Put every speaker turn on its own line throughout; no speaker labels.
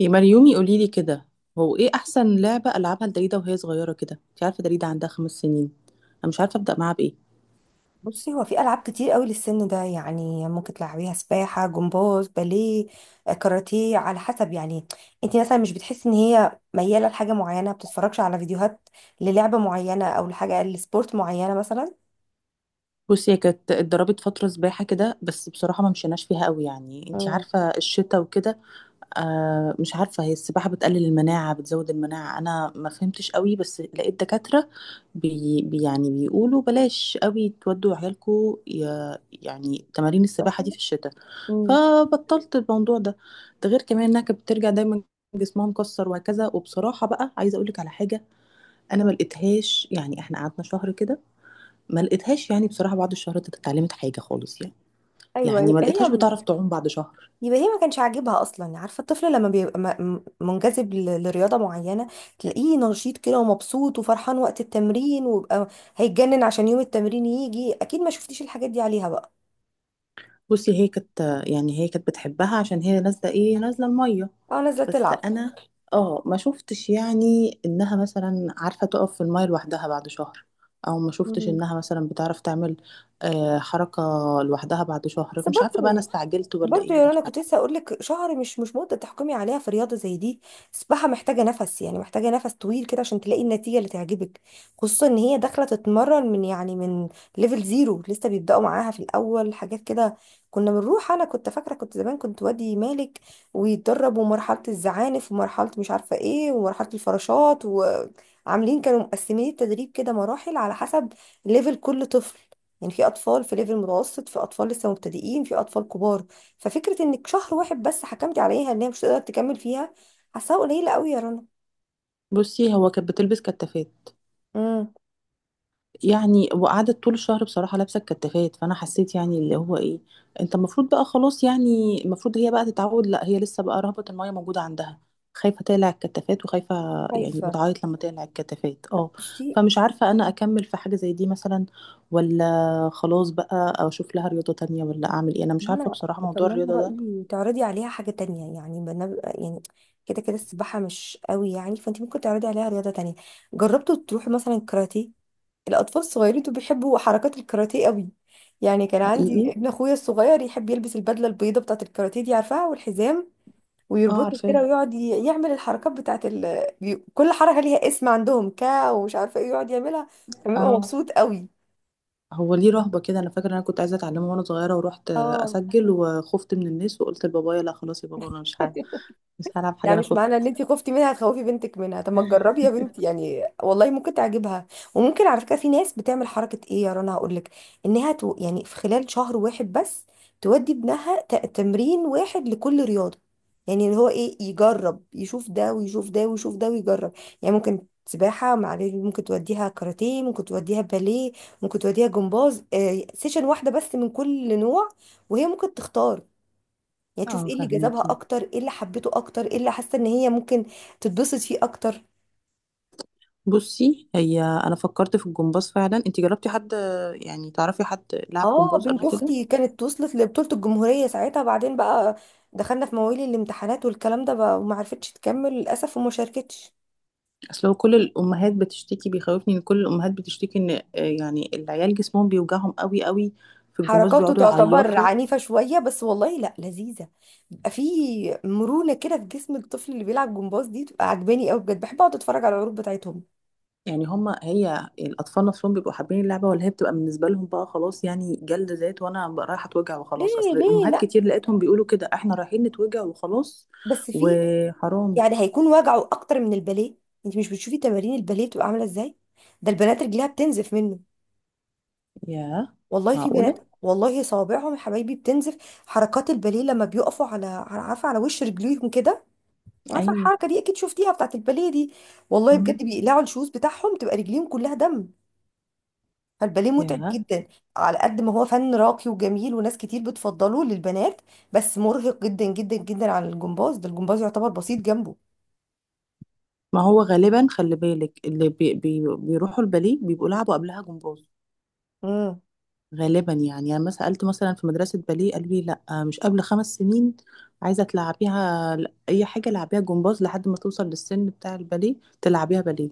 يا مريومي، قولي لي كده. هو ايه احسن لعبه العبها لدريده وهي صغيره كده؟ انت عارفه دريده عندها 5 سنين، انا مش عارفه ابدا معاها بايه.
بصي، هو في العاب كتير قوي للسن ده، يعني ممكن تلعبيها سباحه، جمباز، باليه، كاراتيه، على حسب يعني. انت مثلا مش بتحسي ان هي مياله لحاجه معينه؟ ما بتتفرجش على فيديوهات للعبه معينه او لحاجه لسبورت معينه مثلا؟
بصي، هي كانت اتدربت فتره سباحه كده، بس بصراحه ما مشيناش فيها قوي، يعني انت
امم
عارفه الشتاء وكده. مش عارفة هي السباحة بتقلل المناعة بتزود المناعة، أنا ما فهمتش قوي، بس لقيت دكاترة يعني بيقولوا بلاش قوي تودوا عيالكوا، يعني تمارين السباحة دي
فاهمة؟
في الشتاء.
امم.
فبطلت الموضوع ده. ده غير كمان إنها كانت بترجع دايما جسمها مكسر وهكذا، وبصراحة بقى عايزة أقولك على حاجة: أنا ما لقيتهاش، يعني إحنا قعدنا شهر كده، ما لقيتهاش، يعني بصراحة بعد الشهر ده اتعلمت حاجة خالص، يعني، يعني
ايوه،
ما لقيتهاش
هي،
بتعرف تعوم بعد شهر.
يبقى هي ما كانش عاجبها اصلا. عارفه الطفل لما بيبقى منجذب لرياضه معينه، تلاقيه نشيط كده ومبسوط وفرحان وقت التمرين، ويبقى هيتجنن عشان يوم التمرين يجي. اكيد ما شفتيش الحاجات دي عليها بقى؟
بصي هي كانت يعني هي كانت بتحبها عشان هي نازله الميه.
اه، نازله
بس
تلعب.
انا اه ما شفتش، يعني انها مثلا عارفه تقف في الميه لوحدها بعد شهر، او ما شفتش
مم.
انها مثلا بتعرف تعمل حركه لوحدها بعد شهر.
بس
مش عارفه
برضه
بقى، انا
يعني،
استعجلت ولا
برضه
ايه؟
يا
مش
رنا،
عارفه.
كنت لسه اقول لك شهر مش مده تحكمي عليها في رياضه زي دي. السباحه محتاجه نفس، يعني محتاجه نفس طويل كده عشان تلاقي النتيجه اللي تعجبك، خصوصا ان هي داخله تتمرن من، يعني من ليفل زيرو. لسه بيبداوا معاها في الاول حاجات كده. كنا بنروح، انا كنت فاكره، كنت زمان كنت وادي مالك ويتدرب، ومرحله الزعانف، ومرحله مش عارفه ايه، ومرحله الفراشات، وعاملين كانوا مقسمين التدريب كده مراحل على حسب ليفل كل طفل. يعني في اطفال في ليفل متوسط، في اطفال لسه مبتدئين، في اطفال كبار. ففكرة انك شهر واحد بس حكمتي عليها ان هي مش هتقدر تكمل فيها، حاساها قليلة قوي يا رنا.
بصي، هو كانت بتلبس كتافات،
امم
يعني وقعدت طول الشهر بصراحة لابسة الكتافات، فأنا حسيت يعني اللي هو إيه، أنت المفروض بقى خلاص، يعني المفروض هي بقى تتعود. لا، هي لسه بقى رهبة المية موجودة عندها، خايفة تقلع الكتافات وخايفة، يعني
خايفة،
بتعيط لما تقلع الكتافات، اه.
بصي،
فمش عارفة أنا أكمل في حاجة زي دي مثلا، ولا خلاص بقى، أو أشوف لها رياضة تانية، ولا أعمل إيه؟ أنا مش
إن
عارفة
انا،
بصراحة
طب
موضوع
ما انا
الرياضة ده.
رأيي تعرضي عليها حاجة تانية. يعني يعني كده كده، السباحة مش قوي يعني، فانت ممكن تعرضي عليها رياضة تانية. جربتوا تروحي مثلا كاراتيه؟ الأطفال الصغيرين دول بيحبوا حركات الكاراتيه قوي. يعني كان عندي
حقيقي.
ابن اخويا الصغير يحب يلبس البدلة البيضة بتاعة الكاراتيه دي، عارفاها، والحزام،
اه،
ويربطه كده
عارفاه.
ويقعد يعمل الحركات بتاعت كل حركة ليها اسم عندهم، كا ومش عارفة ايه، يقعد يعملها. كان بيبقى
اه.
مبسوط قوي.
هو ليه رهبة كده؟ أنا فاكرة أنا كنت عايزة أتعلمه وأنا صغيرة، ورحت
اه.
أسجل وخفت من الناس، وقلت لبابايا لا خلاص يا بابا أنا مش هعمل، مش هلعب حاجة،
لا،
انا
مش
خفت.
معنى ان انت خفتي منها تخوفي بنتك منها. طب ما تجربي يا بنتي، يعني والله ممكن تعجبها. وممكن على فكره، في ناس بتعمل حركه ايه يا رنا، هقول لك، انها يعني في خلال شهر واحد بس تودي ابنها تمرين واحد لكل رياضه. يعني اللي هو ايه، يجرب يشوف ده ويشوف ده ويشوف ده ويجرب. يعني ممكن سباحه مع بيبي، ممكن توديها كاراتيه، ممكن توديها باليه، ممكن توديها جمباز، سيشن واحده بس من كل نوع. وهي ممكن تختار، يعني تشوف
اه،
ايه اللي جذبها
فهميكي.
اكتر، ايه اللي حبته اكتر، ايه اللي حاسه ان هي ممكن تتبسط فيه اكتر.
بصي، هي انا فكرت في الجمباز فعلا، انت جربتي حد؟ يعني تعرفي حد لعب
اه،
جمباز
بنت
قبل كده؟
اختي كانت وصلت لبطوله الجمهوريه ساعتها. بعدين بقى دخلنا في مواويل الامتحانات والكلام ده بقى، وما عرفتش تكمل للاسف، وما شاركتش.
اصل هو كل الامهات بتشتكي، بيخوفني ان كل الامهات بتشتكي ان يعني العيال جسمهم بيوجعهم قوي قوي في الجمباز،
حركاته
بيقعدوا
تعتبر
يعيطوا.
عنيفه شويه، بس والله لا، لذيذه. بيبقى في مرونه كده في جسم الطفل اللي بيلعب جمباز، دي بتبقى عجباني قوي بجد، بحب اقعد اتفرج على العروض بتاعتهم.
يعني هما هي الاطفال نفسهم بيبقوا حابين اللعبه، ولا هي بتبقى بالنسبه لهم بقى خلاص، يعني جلد ذات، وانا بقى رايحه اتوجع وخلاص؟
ليه؟
اصل
ليه
امهات
لا؟
كتير لقيتهم بيقولوا كده، احنا رايحين نتوجع وخلاص،
بس في
وحرام.
يعني هيكون وجعه اكتر من الباليه؟ انت مش بتشوفي تمارين الباليه بتبقى عامله ازاي؟ ده البنات رجليها بتنزف منه.
ياه.
والله في بنات
معقوله.
والله صوابعهم يا حبايبي بتنزف. حركات الباليه لما بيقفوا عارفه، على وش رجليهم كده. عارفه
ايوه.
الحركه دي، اكيد شفتيها بتاعت الباليه دي. والله
امم.
بجد بيقلعوا الشوز بتاعهم تبقى رجليهم كلها دم. فالباليه متعب
ياه.
جدا، على قد ما هو فن راقي وجميل وناس كتير بتفضله للبنات. بس مرهق جدا جدا جدا. على الجمباز، ده الجمباز يعتبر بسيط جنبه.
ما هو غالبا خلي بالك، اللي بي بي بيروحوا الباليه بيبقوا لعبوا قبلها جمباز
مم.
غالبا. يعني انا ما سالت مثلا في مدرسه باليه، قالوا لي لا مش قبل 5 سنين، عايزه تلعبيها، اي حاجه لعبيها جمباز لحد ما توصل للسن بتاع الباليه، تلعبيها باليه.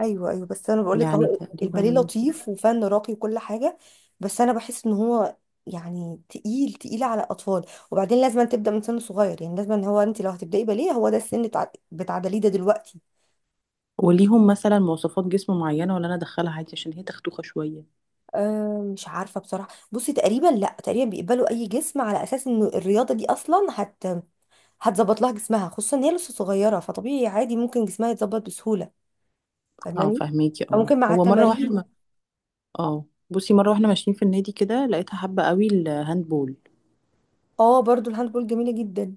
ايوه، ايوه، بس انا بقول لك
يعني
اهو، الباليه
تقريبا،
لطيف وفن راقي وكل حاجه، بس انا بحس ان هو يعني تقيل تقيل على الاطفال. وبعدين لازم تبدا من سن صغير، يعني لازم، هو انت لو هتبداي باليه هو ده السن بتعدليه ده دلوقتي.
وليهم مثلا مواصفات جسم معينه، ولا انا ادخلها عادي عشان هي تختوخه شويه؟
أه مش عارفه بصراحه. بصي، تقريبا، لا، تقريبا بيقبلوا اي جسم، على اساس ان الرياضه دي اصلا هتظبط لها جسمها، خصوصا ان هي لسه صغيره. فطبيعي عادي ممكن جسمها يتظبط بسهوله،
اه،
فاهماني؟
فهميكي.
او
اه
ممكن مع
هو مره واحنا
التمارين.
ما اه، بصي مره واحنا ماشيين في النادي كده، لقيتها حابه قوي الهاندبول.
اه، برضو الهاند بول جميله جدا،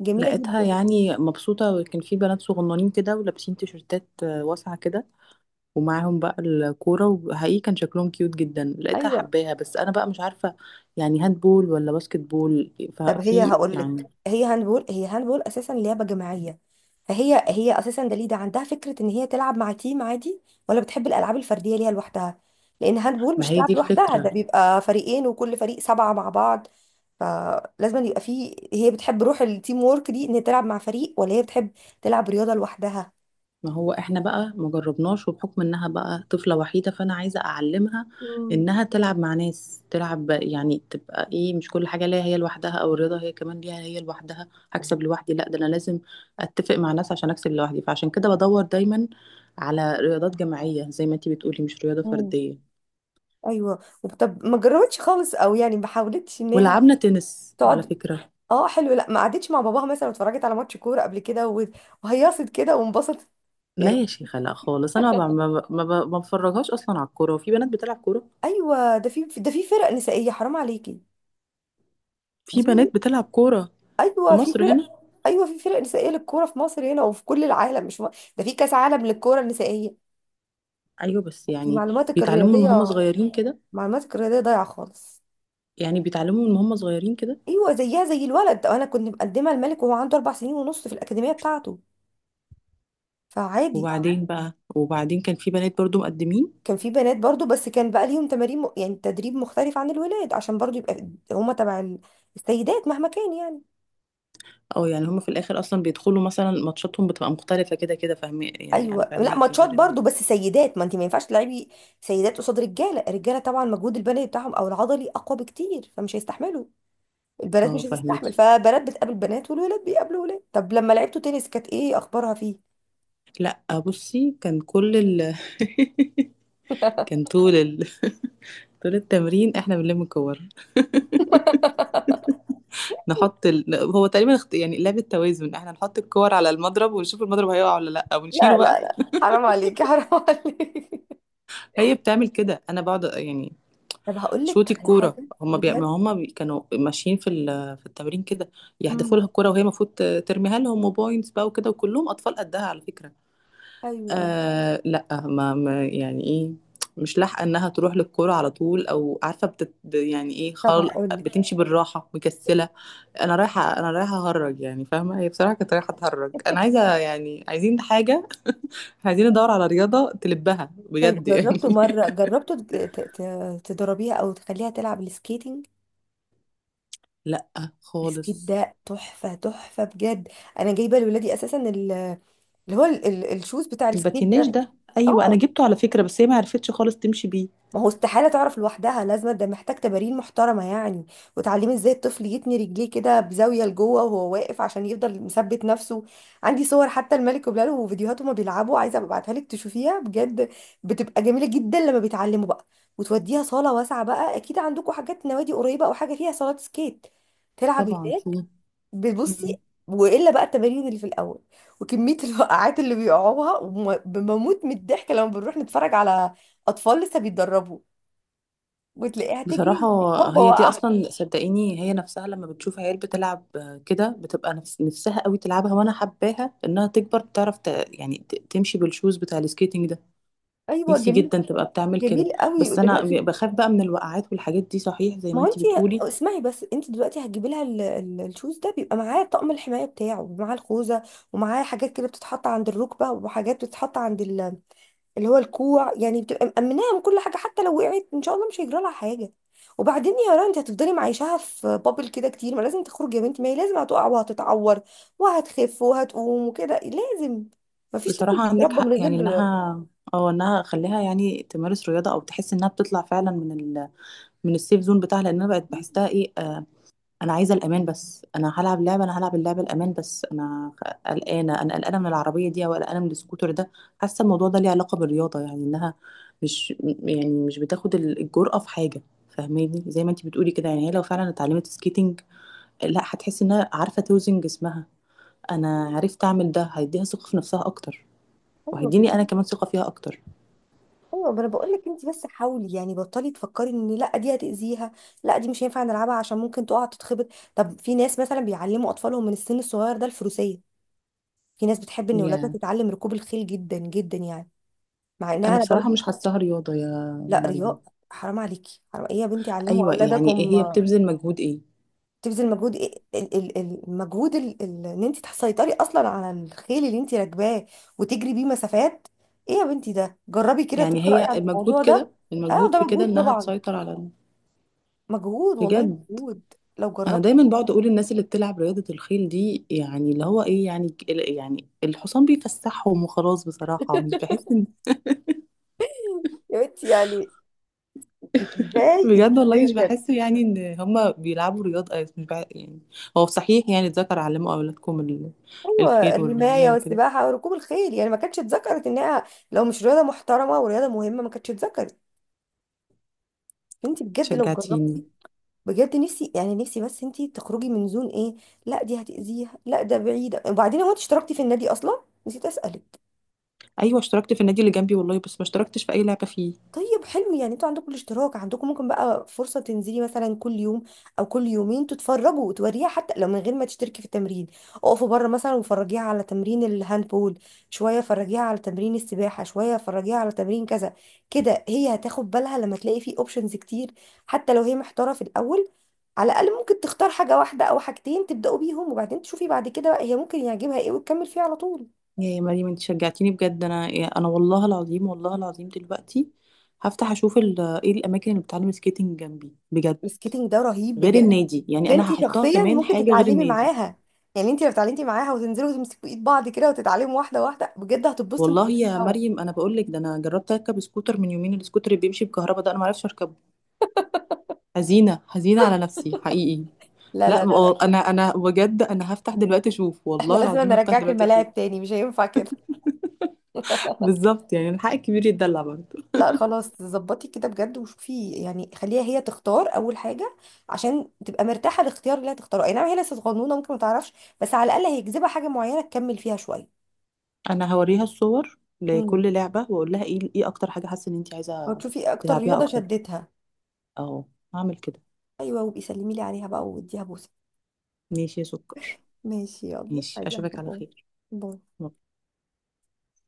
جميله
لقيتها
جدا.
يعني مبسوطة، وكان في بنات صغننين كده ولابسين تيشرتات واسعة كده، ومعاهم بقى الكورة، وحقيقي كان شكلهم كيوت جدا. لقيتها
ايوه.
حباها، بس أنا بقى مش عارفة يعني هاند بول ولا باسكت بول؟
طب هي
ففي
هقول لك،
يعني،
هي هاندبول اساسا لعبه جماعيه. فهي هي اساسا، دليده عندها فكره ان هي تلعب مع تيم عادي، ولا بتحب الالعاب الفرديه ليها لوحدها؟ لان هاندبول
ما
مش
هي دي
تلعب لوحدها، ده
الفكرة.
بيبقى فريقين وكل فريق سبعه مع بعض. فلازم يبقى فيه، هي بتحب روح التيم وورك دي، ان هي تلعب مع فريق، ولا هي بتحب تلعب رياضه لوحدها؟
ما هو احنا بقى ما جربناش، وبحكم انها بقى طفلة وحيدة، فانا عايزة اعلمها
مم.
انها تلعب مع ناس، تلعب يعني تبقى ايه، مش كل حاجة ليها هي لوحدها، او الرياضة هي كمان ليها هي لوحدها، هكسب لوحدي، لا، ده انا لازم اتفق مع ناس عشان اكسب لوحدي. فعشان كده بدور دايما على رياضات جماعية زي ما انتي بتقولي، مش رياضة
مم.
فردية.
ايوه. طب ما جربتش خالص، او يعني ما حاولتش انها
ولعبنا تنس على
تقعد؟
فكرة.
اه، حلو. لا ما قعدتش مع باباها مثلا واتفرجت على ماتش كوره قبل كده وهيصت كده وانبسطت
لا
يعني؟
يا شيخة، لا خالص، انا ما بفرجهاش اصلا على الكورة. وفي بنات بتلعب كورة،
ايوه، ده في فرق نسائيه، حرام عليكي. ده
في
في.
بنات بتلعب كورة في
ايوه في
مصر هنا.
فرق. ايوه في فرق نسائيه للكوره في مصر هنا وفي كل العالم، مش ده في كاس عالم للكوره النسائيه،
ايوه، بس
يعني
يعني بيتعلموا من هم صغيرين كده،
معلوماتك الرياضيه ضايعه خالص.
يعني بيتعلموا من هم صغيرين كده.
ايوه، زيها زي الولد. انا كنت مقدمه الملك وهو عنده 4 سنين ونص في الاكاديميه بتاعته، فعادي.
وبعدين بقى، وبعدين كان في بنات برضو مقدمين.
كان في بنات برضو، بس كان بقى ليهم تمارين يعني تدريب مختلف عن الولاد، عشان برضو يبقى هما تبع السيدات مهما كان يعني.
اه، يعني هم في الاخر اصلا بيدخلوا، مثلا ماتشاتهم بتبقى مختلفه كده كده، فاهمه، يعني انا
ايوه لا،
فاهماكي
ماتشات
غير ال...
برضو بس سيدات، ما انت ما ينفعش تلعبي سيدات قصاد رجاله. الرجاله طبعا مجهود البدني بتاعهم او العضلي اقوى بكتير، فمش هيستحملوا، البنات
اه،
مش هتستحمل،
فاهماكي.
فبنات بتقابل بنات والولاد بيقابلوا ولاد. طب لما لعبتوا تنس كانت ايه اخبارها فيه؟
لا، بصي كان كل ال... كان طول ال... طول التمرين احنا بنلم الكور، نحط ال... هو تقريبا يعني لعبة توازن، احنا نحط الكور على المضرب ونشوف المضرب هيقع ولا لا،
لا،
ونشيله
لا،
بقى.
لا، حرام عليكي، حرام عليكي.
هي بتعمل كده انا بقعد يعني
طب هقول لك
شوطي
على
الكوره،
حاجه
هما بي... ما
بجد.
هما بي... كانوا ماشيين في ال... في التمرين كده يحدفوا
امم
لها الكوره، وهي المفروض ترميها لهم، وبوينتس بقى وكده. وكلهم اطفال قدها على فكره.
ايوه، أيوة.
لا، ما... ما يعني ايه، مش لاحقه انها تروح للكوره على طول، او عارفه يعني ايه
طب هقول لك،
بتمشي بالراحه، مكسله، انا رايحه، اهرج. يعني فاهمه، هي بصراحه كانت رايحه تهرج، انا عايزه، يعني عايزين حاجه، عايزين ندور على رياضه تلبها
طيب
بجد يعني.
جربته مرة جربته تضربيها، أو تخليها تلعب السكيتنج؟
لا
السكيت
خالص.
ده تحفة تحفة بجد. أنا جايبة لولادي أساسا اللي هو الشوز بتاع السكيت ده.
الباتيناج ده، ايوه انا
اه،
جبته على فكره، بس هي ما عرفتش خالص تمشي بيه.
ما هو استحالة تعرف لوحدها. لازم ده محتاج تمارين محترمة يعني، وتعليم ازاي الطفل يتني رجليه كده بزاوية لجوه وهو واقف عشان يفضل مثبت نفسه. عندي صور حتى الملك وبلاله وفيديوهات هما بيلعبوا، عايزة أبقى ابعتها لك تشوفيها بجد. بتبقى جميلة جدا لما بيتعلموا بقى. وتوديها صالة واسعة، بقى اكيد عندكم حاجات نوادي قريبة او حاجة فيها صالات سكيت تلعب
طبعا
هناك،
في.
بتبصي؟
مم.
والا بقى التمارين اللي في الاول، وكمية الوقعات اللي بيقعوها بموت من الضحك لما بنروح نتفرج على اطفال لسه بيتدربوا، وتلاقيها
بصراحة
تجري هوبا
هي دي
وقع.
أصلا، صدقيني هي نفسها لما بتشوف عيال بتلعب كده بتبقى نفس نفسها قوي تلعبها. وأنا حباها إنها تكبر تعرف يعني تمشي بالشوز بتاع السكيتنج ده.
ايوه
نفسي
جميل،
جدا تبقى بتعمل كده.
جميل قوي
بس أنا
دلوقتي.
بخاف بقى من الوقعات والحاجات دي، صحيح زي ما
ما هو انت،
أنتي بتقولي.
اسمعي بس، انت دلوقتي هتجيبي لها الشوز ده، بيبقى معاه طقم الحمايه بتاعه ومعاه الخوذه، ومعاه حاجات كده بتتحط عند الركبه وحاجات بتتحط عند اللي هو الكوع. يعني بتبقى مأمناها من كل حاجه، حتى لو وقعت ان شاء الله مش هيجرى لها حاجه. وبعدين يا رنا، انت هتفضلي معيشاها في بابل كده كتير؟ ما لازم تخرج يا بنت. ما هي لازم هتقع وهتتعور وهتخف وهتقوم وكده. لازم، مفيش طفل
بصراحة عندك
بيتربى
حق،
من
يعني
غير.
إنها، أو إنها أخليها يعني تمارس رياضة، أو تحس إنها بتطلع فعلا من ال... من السيف زون بتاعها، لأن أنا بقت بحسها إيه انا عايزه الامان. بس انا هلعب لعبه، انا هلعب اللعبه الامان، بس انا قلقانه، من العربيه دي، او قلقانه من السكوتر ده. حاسه الموضوع ده ليه علاقه بالرياضه، يعني انها مش يعني مش بتاخد الجرأه في حاجه. فاهماني، زي ما انتي بتقولي كده، يعني هي لو فعلا اتعلمت سكيتنج، لا هتحس انها عارفه توزن جسمها، انا عرفت اعمل ده، هيديها ثقه في نفسها اكتر،
ايوه،
وهيديني انا كمان ثقه فيها اكتر.
ايوه، ما انا بقول لك، انت بس حاولي يعني، بطلي تفكري ان لا دي هتاذيها، لا دي مش هينفع نلعبها عشان ممكن تقع تتخبط. طب في ناس مثلا بيعلموا اطفالهم من السن الصغير ده الفروسيه. في ناس بتحب ان ولادها
يا
تتعلم ركوب الخيل جدا جدا، يعني مع انها،
انا
انا
بصراحه
برضو،
مش حاساها رياضه يا
لا
مريم.
رياء؟ حرام عليكي، حرام ايه يا بنتي، علموا
ايوه، يعني ايه
اولادكم.
هي بتبذل مجهود ايه؟
تبذل مجهود ايه؟ المجهود، ان انت تسيطري اصلا على الخيل اللي انت راكباه وتجري بيه مسافات. ايه يا بنتي؟ ده جربي كده
يعني
تقراي
هي
عن
المجهود
الموضوع ده.
كده،
اه،
المجهود
ده
في كده
مجهود
انها
طبعا،
تسيطر على
مجهود والله،
بجد.
مجهود لو
انا
جربت.
دايما بقعد اقول الناس اللي بتلعب رياضة الخيل دي، يعني اللي هو ايه، يعني يعني الحصان بيفسحهم وخلاص، بصراحة مش بحس ان
يا بنتي يعني، انت ازاي، انت
بجد، والله
ازاي
مش
بجد؟
بحس يعني ان هما بيلعبوا رياضة، مش يعني. هو صحيح يعني، اتذكر علموا اولادكم ال...
ايوه،
الخير
الرمايه
والرماية وكده.
والسباحه وركوب الخيل، يعني ما كانتش اتذكرت انها، لو مش رياضه محترمه ورياضه مهمه ما كانتش اتذكرت. انت بجد لو جربتي
شجعتيني.
بجد. نفسي يعني، نفسي بس انت تخرجي من زون ايه، لا دي هتأذيها، لا ده بعيده. وبعدين، هو انت اشتركتي في النادي اصلا؟ نسيت اسالك.
ايوه، اشتركت في النادي اللي جنبي والله، بس ما اشتركتش في اي لعبة فيه.
طيب حلو. يعني انتوا عندكم الاشتراك، عندكم ممكن بقى فرصة تنزلي مثلا كل يوم او كل يومين تتفرجوا وتوريها، حتى لو من غير ما تشتركي في التمرين. اقفوا بره مثلا، وفرجيها على تمرين الهاندبول شوية، فرجيها على تمرين السباحة شوية، فرجيها على تمرين كذا. كده هي هتاخد بالها لما تلاقي فيه اوبشنز كتير، حتى لو هي محتارة في الاول. على الاقل ممكن تختار حاجة واحدة او حاجتين تبدأوا بيهم، وبعدين تشوفي بعد كده بقى هي ممكن يعجبها ايه وتكمل فيه على طول.
يا مريم، انت شجعتيني بجد. انا، انا والله العظيم، والله العظيم دلوقتي هفتح اشوف ايه الاماكن اللي بتعلم سكيتنج جنبي بجد،
السكيتنج ده رهيب
غير
بجد.
النادي. يعني
ده انت
انا هحطها
شخصيا
كمان
ممكن
حاجه غير
تتعلمي
النادي.
معاها. يعني انت لو اتعلمتي معاها وتنزلوا وتمسكوا ايد بعض كده وتتعلموا واحده واحده بجد، هتتبسطوا انتوا
والله
الاتنين
يا
سوا.
مريم، انا بقول لك ده انا جربت اركب سكوتر من يومين، السكوتر اللي بيمشي بكهرباء ده انا ما اعرفش اركبه. حزينه حزينه على نفسي حقيقي.
لا،
لا،
لا، لا، لا،
انا بجد انا هفتح دلوقتي اشوف،
احنا
والله
لازم
العظيم هفتح
نرجعك
دلوقتي اشوف.
الملاعب تاني، مش هينفع كده.
بالظبط، يعني الحق الكبير يتدلع برضه.
لا خلاص، ظبطي كده بجد، وشوفي يعني خليها هي تختار اول حاجه عشان تبقى مرتاحه الاختيار اللي هتختاره. اي نعم هي لسه صغنونه ممكن ما تعرفش، بس على الاقل هيجذبها حاجه معينه تكمل فيها شويه.
انا هوريها الصور
امم
لكل لعبه، واقول لها ايه اكتر حاجه حاسه ان انت عايزه
وتشوفي اكتر
تلعبيها
رياضه
اكتر.
شدتها.
اهو، هعمل كده.
ايوه، وبيسلمي لي عليها بقى، واديها بوسه.
ماشي يا سكر.
ماشي يلا،
ماشي،
عايزة
اشوفك على
أحبه.
خير.
باي.